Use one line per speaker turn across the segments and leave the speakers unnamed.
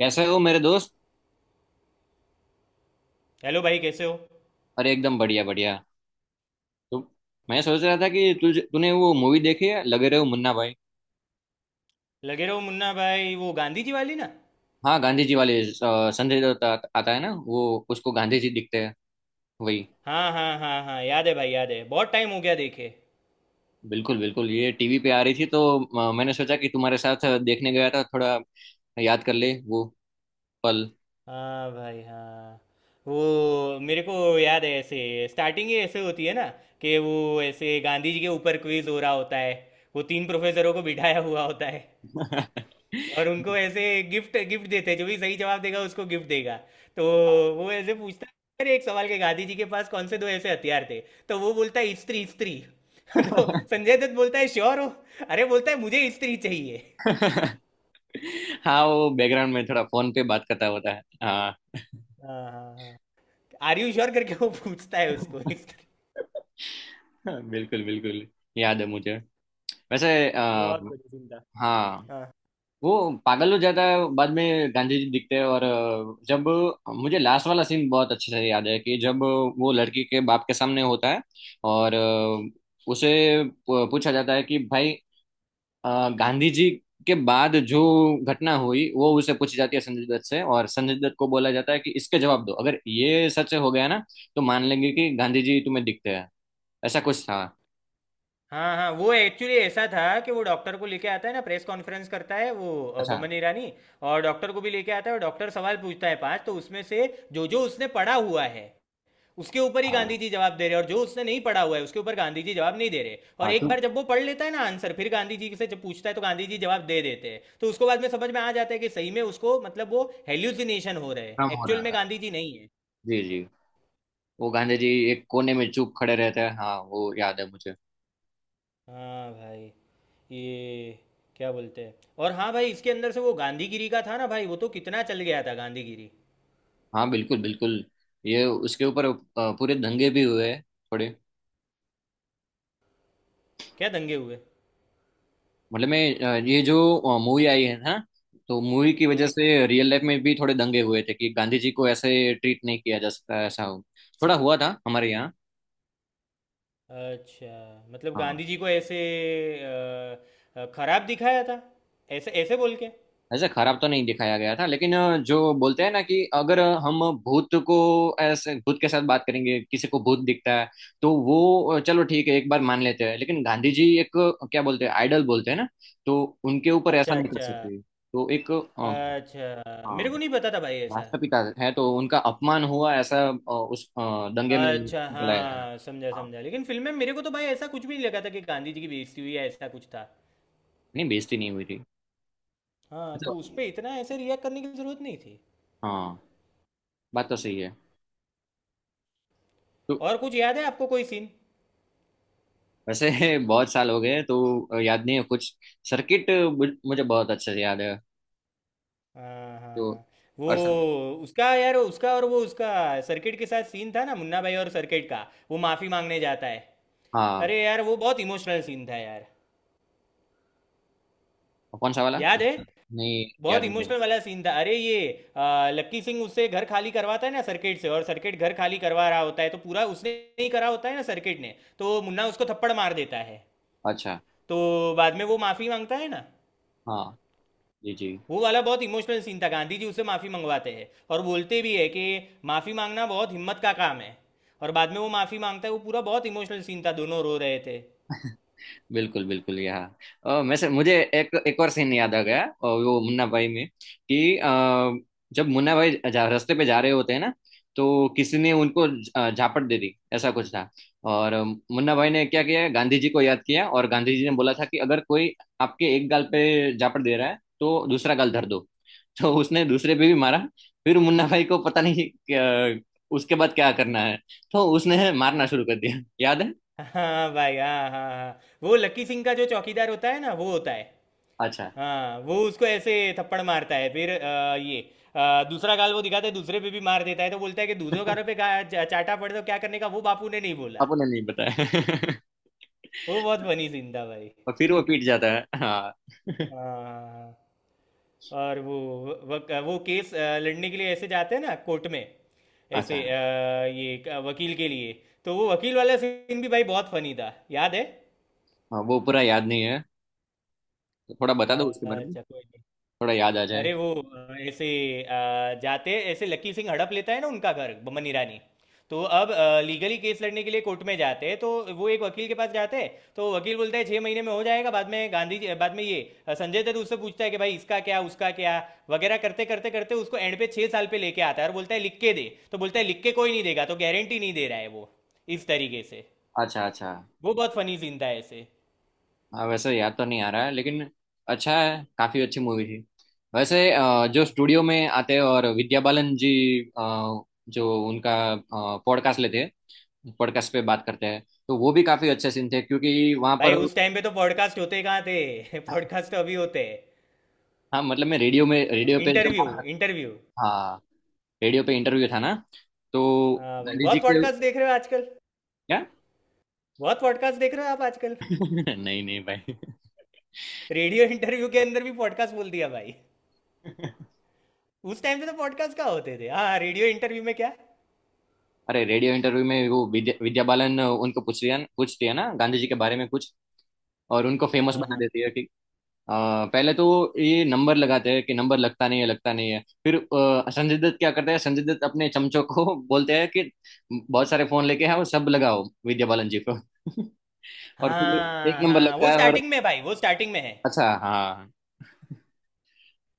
कैसे हो मेरे दोस्त।
हेलो भाई, कैसे हो।
अरे एकदम बढ़िया बढ़िया। तो मैं सोच रहा था कि तुझे तूने वो मूवी देखी है लगे रहे हो मुन्ना भाई।
लगे रहो मुन्ना भाई, वो गांधी जी वाली ना।
हाँ गांधी जी वाले, संजय दत्त आता है ना वो उसको गांधी जी दिखते हैं वही।
हाँ हाँ हाँ हाँ, याद है भाई, याद है, बहुत टाइम हो गया देखे।
बिल्कुल बिल्कुल, ये टीवी पे आ रही थी तो मैंने सोचा कि तुम्हारे साथ देखने गया था, थोड़ा याद कर ले वो पल।
हाँ भाई हाँ। वो मेरे को याद है। ऐसे स्टार्टिंग ही ऐसे होती है ना कि वो ऐसे गांधी जी के ऊपर क्विज हो रहा होता है। वो तीन प्रोफेसरों को बिठाया हुआ होता है, और उनको ऐसे गिफ्ट गिफ्ट देते हैं, जो भी सही जवाब देगा उसको गिफ्ट देगा। तो वो ऐसे पूछता है, अरे एक सवाल के गांधी जी के पास कौन से दो ऐसे हथियार थे। तो वो बोलता है स्त्री स्त्री। तो संजय दत्त बोलता है श्योर हो। अरे बोलता है मुझे स्त्री चाहिए।
हाँ वो बैकग्राउंड में थोड़ा फोन पे बात करता होता है हाँ।
हाँ हाँ हाँ। आर यू श्योर करके वो पूछता है उसको। स्त्री।
बिल्कुल बिल्कुल, याद है मुझे वैसे।
बहुत बढ़िया सीन था।
हाँ
हाँ
वो पागल हो जाता है, बाद में गांधी जी दिखते हैं और जब मुझे लास्ट वाला सीन बहुत अच्छे से याद है कि जब वो लड़की के बाप के सामने होता है और उसे पूछा जाता है कि भाई गांधी जी के बाद जो घटना हुई वो उसे पूछी जाती है संजय दत्त से, और संजय दत्त को बोला जाता है कि इसके जवाब दो अगर ये सच हो गया ना तो मान लेंगे कि गांधी जी तुम्हें दिखते हैं। ऐसा कुछ था।
हाँ हाँ। वो एक्चुअली ऐसा था कि वो डॉक्टर को लेके आता है ना, प्रेस कॉन्फ्रेंस करता है वो
अच्छा।
बमन ईरानी। और डॉक्टर को भी लेके आता है, और डॉक्टर सवाल पूछता है पांच। तो उसमें से जो जो उसने पढ़ा हुआ है उसके ऊपर ही गांधी
हाँ
जी जवाब दे रहे हैं, और जो उसने नहीं पढ़ा हुआ है उसके ऊपर गांधी जी जवाब नहीं दे रहे। और
हाँ
एक बार
चूक
जब वो पढ़ लेता है ना आंसर, फिर गांधी जी से जब पूछता है तो गांधी जी जवाब दे देते हैं। तो उसको बाद में समझ में आ जाता है कि सही में उसको, मतलब वो हेल्यूसिनेशन हो रहे हैं,
काम हो
एक्चुअल
रहा
में
था।
गांधी जी नहीं है।
जी जी, वो गांधी जी एक कोने में चुप खड़े रहते हैं। हाँ वो याद है मुझे।
हाँ भाई। ये क्या बोलते हैं। और हाँ भाई, इसके अंदर से वो गांधीगिरी का था ना भाई, वो तो कितना चल गया था गांधीगिरी।
हाँ बिल्कुल बिल्कुल, ये उसके ऊपर पूरे दंगे भी हुए हैं थोड़े।
क्या दंगे हुए।
मतलब मैं, ये जो मूवी आई है ना तो मूवी की वजह
हाँ।
से रियल लाइफ में भी थोड़े दंगे हुए थे कि गांधी जी को ऐसे ट्रीट नहीं किया जा सकता ऐसा हो। थोड़ा हुआ था हमारे यहाँ।
अच्छा मतलब
हाँ।
गांधी जी को ऐसे खराब दिखाया था, ऐसे ऐसे बोल के।
ऐसे खराब तो नहीं दिखाया गया था, लेकिन जो बोलते हैं ना कि अगर हम भूत को, ऐसे भूत के साथ बात करेंगे, किसी को भूत दिखता है तो वो, चलो ठीक है एक बार मान लेते हैं, लेकिन गांधी जी एक, क्या बोलते हैं, आइडल बोलते हैं ना, तो उनके ऊपर ऐसा
अच्छा
नहीं कर
अच्छा।
सकते तो एक
अच्छा, मेरे को
हाँ,
नहीं पता था भाई ऐसा।
राष्ट्रपिता है तो उनका अपमान हुआ ऐसा, उस दंगे में
अच्छा,
निकलाया था।
हाँ, समझा,
हाँ
समझा। लेकिन फ़िल्म में मेरे को तो भाई ऐसा कुछ भी नहीं लगा था कि गांधी जी की बेइज़्ज़ती हुई है, ऐसा कुछ था।
नहीं, बेइज्जती नहीं हुई थी।
हाँ,
तो,
तो उस पे इतना ऐसे रिएक्ट करने की ज़रूरत नहीं थी।
हाँ बात तो सही है। तो,
और कुछ याद है आपको कोई सीन?
वैसे बहुत साल हो गए हैं, तो याद नहीं है कुछ। सर्किट मुझे बहुत अच्छे से याद है
हाँ,
तो।
हाँ। वो
और सर।
उसका यार उसका और वो उसका सर्किट के साथ सीन था ना, मुन्ना भाई और सर्किट का, वो माफ़ी माँगने जाता है।
हाँ
अरे यार, वो बहुत इमोशनल सीन था यार।
और कौन सा वाला?
याद है।
नहीं याद
बहुत
नहीं है।
इमोशनल वाला सीन था। अरे ये लक्की सिंह उससे घर खाली करवाता है ना सर्किट से, और सर्किट घर खाली करवा रहा होता है, तो पूरा उसने ही करा होता है ना सर्किट ने, तो मुन्ना उसको थप्पड़ मार देता है।
अच्छा।
तो बाद में वो माफ़ी मांगता है ना।
हाँ जी जी।
वो वाला बहुत इमोशनल सीन था, गांधी जी उससे माफ़ी मंगवाते हैं और बोलते भी है कि माफ़ी मांगना बहुत हिम्मत का काम है। और बाद में वो माफ़ी मांगता है, वो पूरा बहुत इमोशनल सीन था, दोनों रो रहे थे।
बिल्कुल बिल्कुल यहाँ, मुझे एक एक और सीन याद आ गया और वो मुन्ना भाई में कि जब मुन्ना भाई रास्ते पे जा रहे होते हैं ना तो किसी ने उनको झापट दे दी, ऐसा कुछ था। और मुन्ना भाई ने क्या किया, गांधी जी को याद किया, और गांधी जी ने बोला था कि अगर कोई आपके एक गाल पे झापट दे रहा है तो दूसरा गाल धर दो। तो उसने दूसरे पे भी मारा। फिर मुन्ना भाई को पता नहीं उसके बाद क्या करना है, तो उसने मारना शुरू कर दिया, याद है।
हाँ भाई हाँ हाँ हाँ। वो लक्की सिंह का जो चौकीदार होता है ना, वो होता है।
अच्छा।
हाँ, वो उसको ऐसे थप्पड़ मारता है, फिर ये दूसरा गाल वो दिखाता है, दूसरे पे भी मार देता है। तो बोलता है कि दूधों गारों पे चाटा पड़े तो क्या करने का वो बापू ने नहीं बोला।
आपने नहीं बताया।
वो बहुत फनी सीन था भाई।
और फिर वो पीट जाता है हाँ।
हाँ। और वो केस लड़ने के लिए ऐसे जाते हैं ना कोर्ट में। ऐसे
अच्छा।
ये वकील के लिए। तो वो वकील वाला सीन भी भाई बहुत फनी था, याद है।
हाँ वो पूरा याद नहीं है, तो थोड़ा बता दो उसके बारे में,
अच्छा कोई नहीं।
थोड़ा याद आ जाए।
अरे वो ऐसे अ, जाते ऐसे, लकी सिंह हड़प लेता है ना उनका घर, बमन ईरानी। तो अब लीगली केस लड़ने के लिए कोर्ट में जाते हैं, तो वो एक वकील के पास जाते हैं। तो वकील बोलता है छः महीने में हो जाएगा, बाद में गांधी जी, बाद में ये संजय दत्त उससे पूछता है कि भाई इसका क्या, उसका क्या, वगैरह करते करते करते उसको एंड पे छः साल पे लेके आता है। और बोलता है लिख के दे, तो बोलता है लिख के कोई नहीं देगा, तो गारंटी नहीं दे रहा है वो, इस तरीके से।
अच्छा अच्छा।
वो बहुत फनी सीन था ऐसे।
हाँ वैसे याद तो नहीं आ रहा है, लेकिन अच्छा है, काफी अच्छी मूवी थी। वैसे जो
हाँ।
स्टूडियो में आते हैं और विद्या बालन जी, जो उनका पॉडकास्ट लेते हैं, पॉडकास्ट पे बात करते हैं, तो वो भी काफी अच्छे सीन थे क्योंकि वहां
भाई
पर।
उस टाइम पे तो पॉडकास्ट होते कहाँ थे। पॉडकास्ट तो अभी होते हैं।
हाँ मतलब मैं रेडियो में, रेडियो पे जो।
Interview interview.
हाँ रेडियो पे इंटरव्यू था ना, तो
हाँ भाई,
गांधी जी
बहुत
के।
पॉडकास्ट देख रहे हो आजकल।
क्या?
बहुत पॉडकास्ट देख रहे हो आप आजकल।
नहीं नहीं भाई।
रेडियो इंटरव्यू के अंदर भी पॉडकास्ट बोल दिया भाई। उस टाइम पे तो पॉडकास्ट क्या होते थे, हाँ रेडियो इंटरव्यू में क्या।
अरे रेडियो इंटरव्यू में वो विद्या विद्या बालन उनको पूछ रही है, पूछती है ना गांधी जी के बारे में कुछ, और उनको फेमस
हाँ
बना
हाँ
देती है कि, अ, पहले तो ये नंबर लगाते हैं कि नंबर लगता नहीं है लगता नहीं है, फिर संजय दत्त क्या करते हैं, संजय दत्त अपने चमचों को बोलते हैं कि बहुत सारे फोन लेके आओ, सब लगाओ विद्या बालन जी को। और फिर एक
हाँ
नंबर
हाँ,
लगता
वो
है और
स्टार्टिंग में भाई, वो स्टार्टिंग में है।
अच्छा हाँ।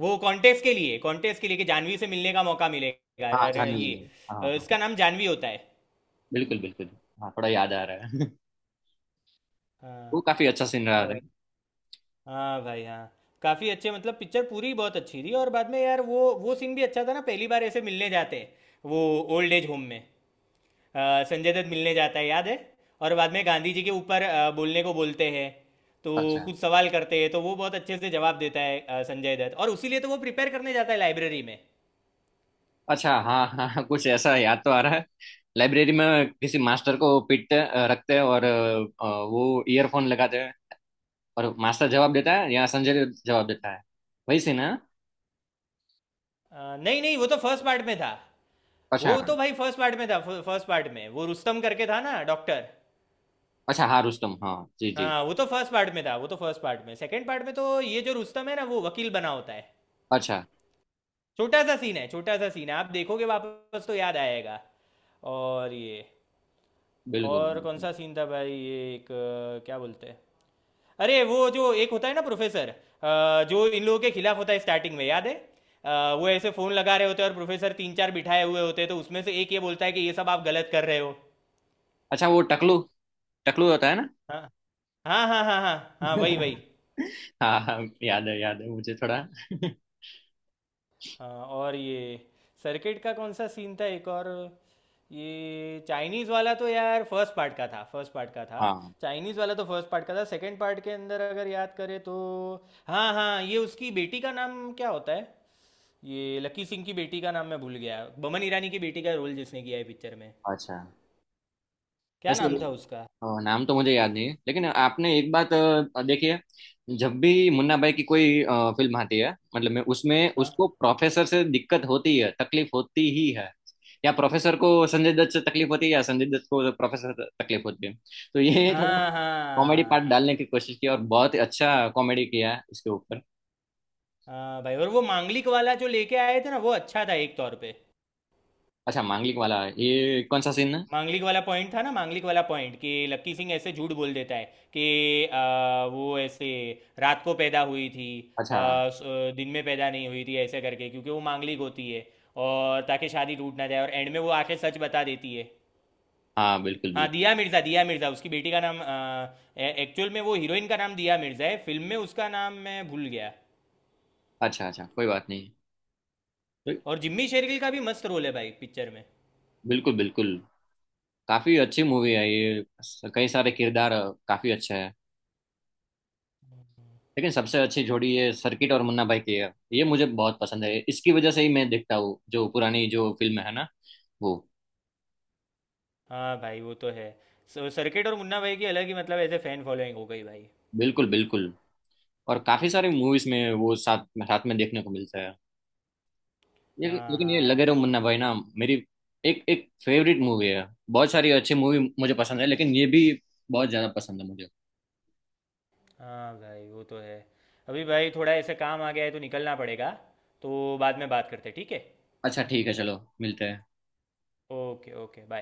वो कॉन्टेस्ट के लिए कि जानवी से मिलने का मौका मिलेगा।
हाँ
अरे
जाने
ये
दीजिए, हाँ हाँ हाँ,
इसका नाम जानवी होता है।
बिल्कुल बिल्कुल। हाँ थोड़ा याद आ रहा है,
हाँ।
वो काफी अच्छा सीन रहा था।
हाँ भाई हाँ। काफ़ी अच्छे मतलब पिक्चर पूरी बहुत अच्छी थी। और बाद में यार वो सीन भी अच्छा था ना, पहली बार ऐसे मिलने जाते हैं, वो ओल्ड एज होम में संजय दत्त मिलने जाता है, याद है। और बाद में गांधी जी के ऊपर बोलने को बोलते हैं, तो
अच्छा।
कुछ सवाल करते हैं तो वो बहुत अच्छे से जवाब देता है संजय दत्त, और उसी लिए तो वो प्रिपेयर करने जाता है लाइब्रेरी में।
अच्छा हाँ हाँ हाँ, कुछ ऐसा याद तो आ रहा है। लाइब्रेरी में किसी मास्टर को रखते हैं और वो ईयरफोन लगाते हैं, और मास्टर जवाब देता है या संजय जवाब देता है, वही से ना।
नहीं नहीं, वो तो फर्स्ट पार्ट में था।
अच्छा
वो तो भाई फर्स्ट पार्ट में था। फर्स्ट पार्ट में वो रुस्तम करके था ना डॉक्टर।
अच्छा, हाँ रुस्तम, हाँ जी जी।
हाँ वो तो फर्स्ट पार्ट में था, वो तो फर्स्ट पार्ट में सेकंड पार्ट में तो ये जो रुस्तम है ना वो वकील बना होता है।
अच्छा,
छोटा सा सीन है, छोटा सा सीन है, आप देखोगे वापस तो याद आएगा। और ये।
बिल्कुल
और कौन
बिल्कुल।
सा सीन था भाई ये एक क्या बोलते हैं। अरे वो जो एक होता है ना प्रोफेसर, जो इन लोगों के खिलाफ होता है स्टार्टिंग में, याद है। वो ऐसे फोन लगा रहे होते हैं, और प्रोफेसर तीन चार बिठाए हुए होते हैं, तो उसमें से एक ये बोलता है कि ये सब आप गलत कर रहे हो।
अच्छा वो टकलू, टकलू होता है ना।
हाँ हाँ हाँ हाँ हाँ हाँ वही वही।
हाँ हाँ, याद है मुझे थोड़ा।
हाँ। और ये, सर्किट का कौन सा सीन था एक और। ये चाइनीज़ वाला तो यार फर्स्ट पार्ट का था, फर्स्ट पार्ट का था।
हाँ।
चाइनीज़ वाला तो फर्स्ट पार्ट का था। सेकंड पार्ट के अंदर अगर याद करें तो, हाँ हाँ, ये उसकी बेटी का नाम क्या होता है, ये लकी सिंह की बेटी का नाम मैं भूल गया, बमन ईरानी की बेटी का रोल जिसने किया है पिक्चर में,
अच्छा,
क्या
वैसे
नाम था उसका।
नाम तो मुझे याद नहीं है, लेकिन आपने एक बात देखी है, जब भी मुन्ना भाई की कोई फिल्म आती है मतलब मैं उसमें
हाँ
उसको प्रोफेसर से दिक्कत होती है, तकलीफ होती ही है, या प्रोफेसर को संजय दत्त से तकलीफ होती है, या संजय दत्त को प्रोफेसर से तकलीफ होती है। तो ये थोड़ा
हाँ
कॉमेडी पार्ट
हाँ।
डालने की कोशिश की, और बहुत ही अच्छा कॉमेडी किया है इसके ऊपर।
हाँ भाई। और वो मांगलिक वाला जो लेके आए थे ना, वो अच्छा था एक तौर पे।
अच्छा मांगलिक वाला, ये कौन सा सीन है?
मांगलिक वाला पॉइंट था ना, मांगलिक वाला पॉइंट कि लक्की सिंह ऐसे झूठ बोल देता है कि वो ऐसे रात को पैदा हुई थी,
अच्छा,
दिन में पैदा नहीं हुई थी ऐसे करके, क्योंकि वो मांगलिक होती है, और ताकि शादी टूट ना जाए, और एंड में वो आके सच बता देती है।
हाँ बिल्कुल
हाँ,
बिल्कुल।
दिया मिर्ज़ा, दिया मिर्ज़ा उसकी बेटी का नाम। एक्चुअल में वो हीरोइन का नाम दिया मिर्ज़ा है, फिल्म में उसका नाम मैं भूल गया।
अच्छा अच्छा, कोई बात नहीं।
और जिम्मी शेरगिल का भी मस्त रोल है भाई पिक्चर में।
बिल्कुल बिल्कुल, काफी अच्छी मूवी है ये, कई सारे किरदार काफी अच्छे हैं, लेकिन सबसे अच्छी जोड़ी ये सर्किट और मुन्ना भाई की है, ये मुझे बहुत पसंद है, इसकी वजह से ही मैं देखता हूँ जो पुरानी जो फिल्म है ना वो।
हाँ भाई वो तो है। सर्किट और मुन्ना भाई की अलग ही मतलब ऐसे फैन फॉलोइंग हो गई भाई।
बिल्कुल बिल्कुल, और काफी सारी मूवीज में वो साथ साथ में देखने को मिलता है। ये,
हाँ
लेकिन ये
हाँ।
लगे रहो मुन्ना भाई ना मेरी एक एक फेवरेट मूवी है, बहुत सारी अच्छी मूवी मुझे पसंद है, लेकिन ये भी बहुत ज्यादा पसंद है मुझे।
हाँ भाई वो तो है। अभी भाई थोड़ा ऐसे काम आ गया है तो निकलना पड़ेगा, तो बाद में बात करते हैं, ठीक है।
अच्छा ठीक है, चलो मिलते हैं।
Okay okay bye.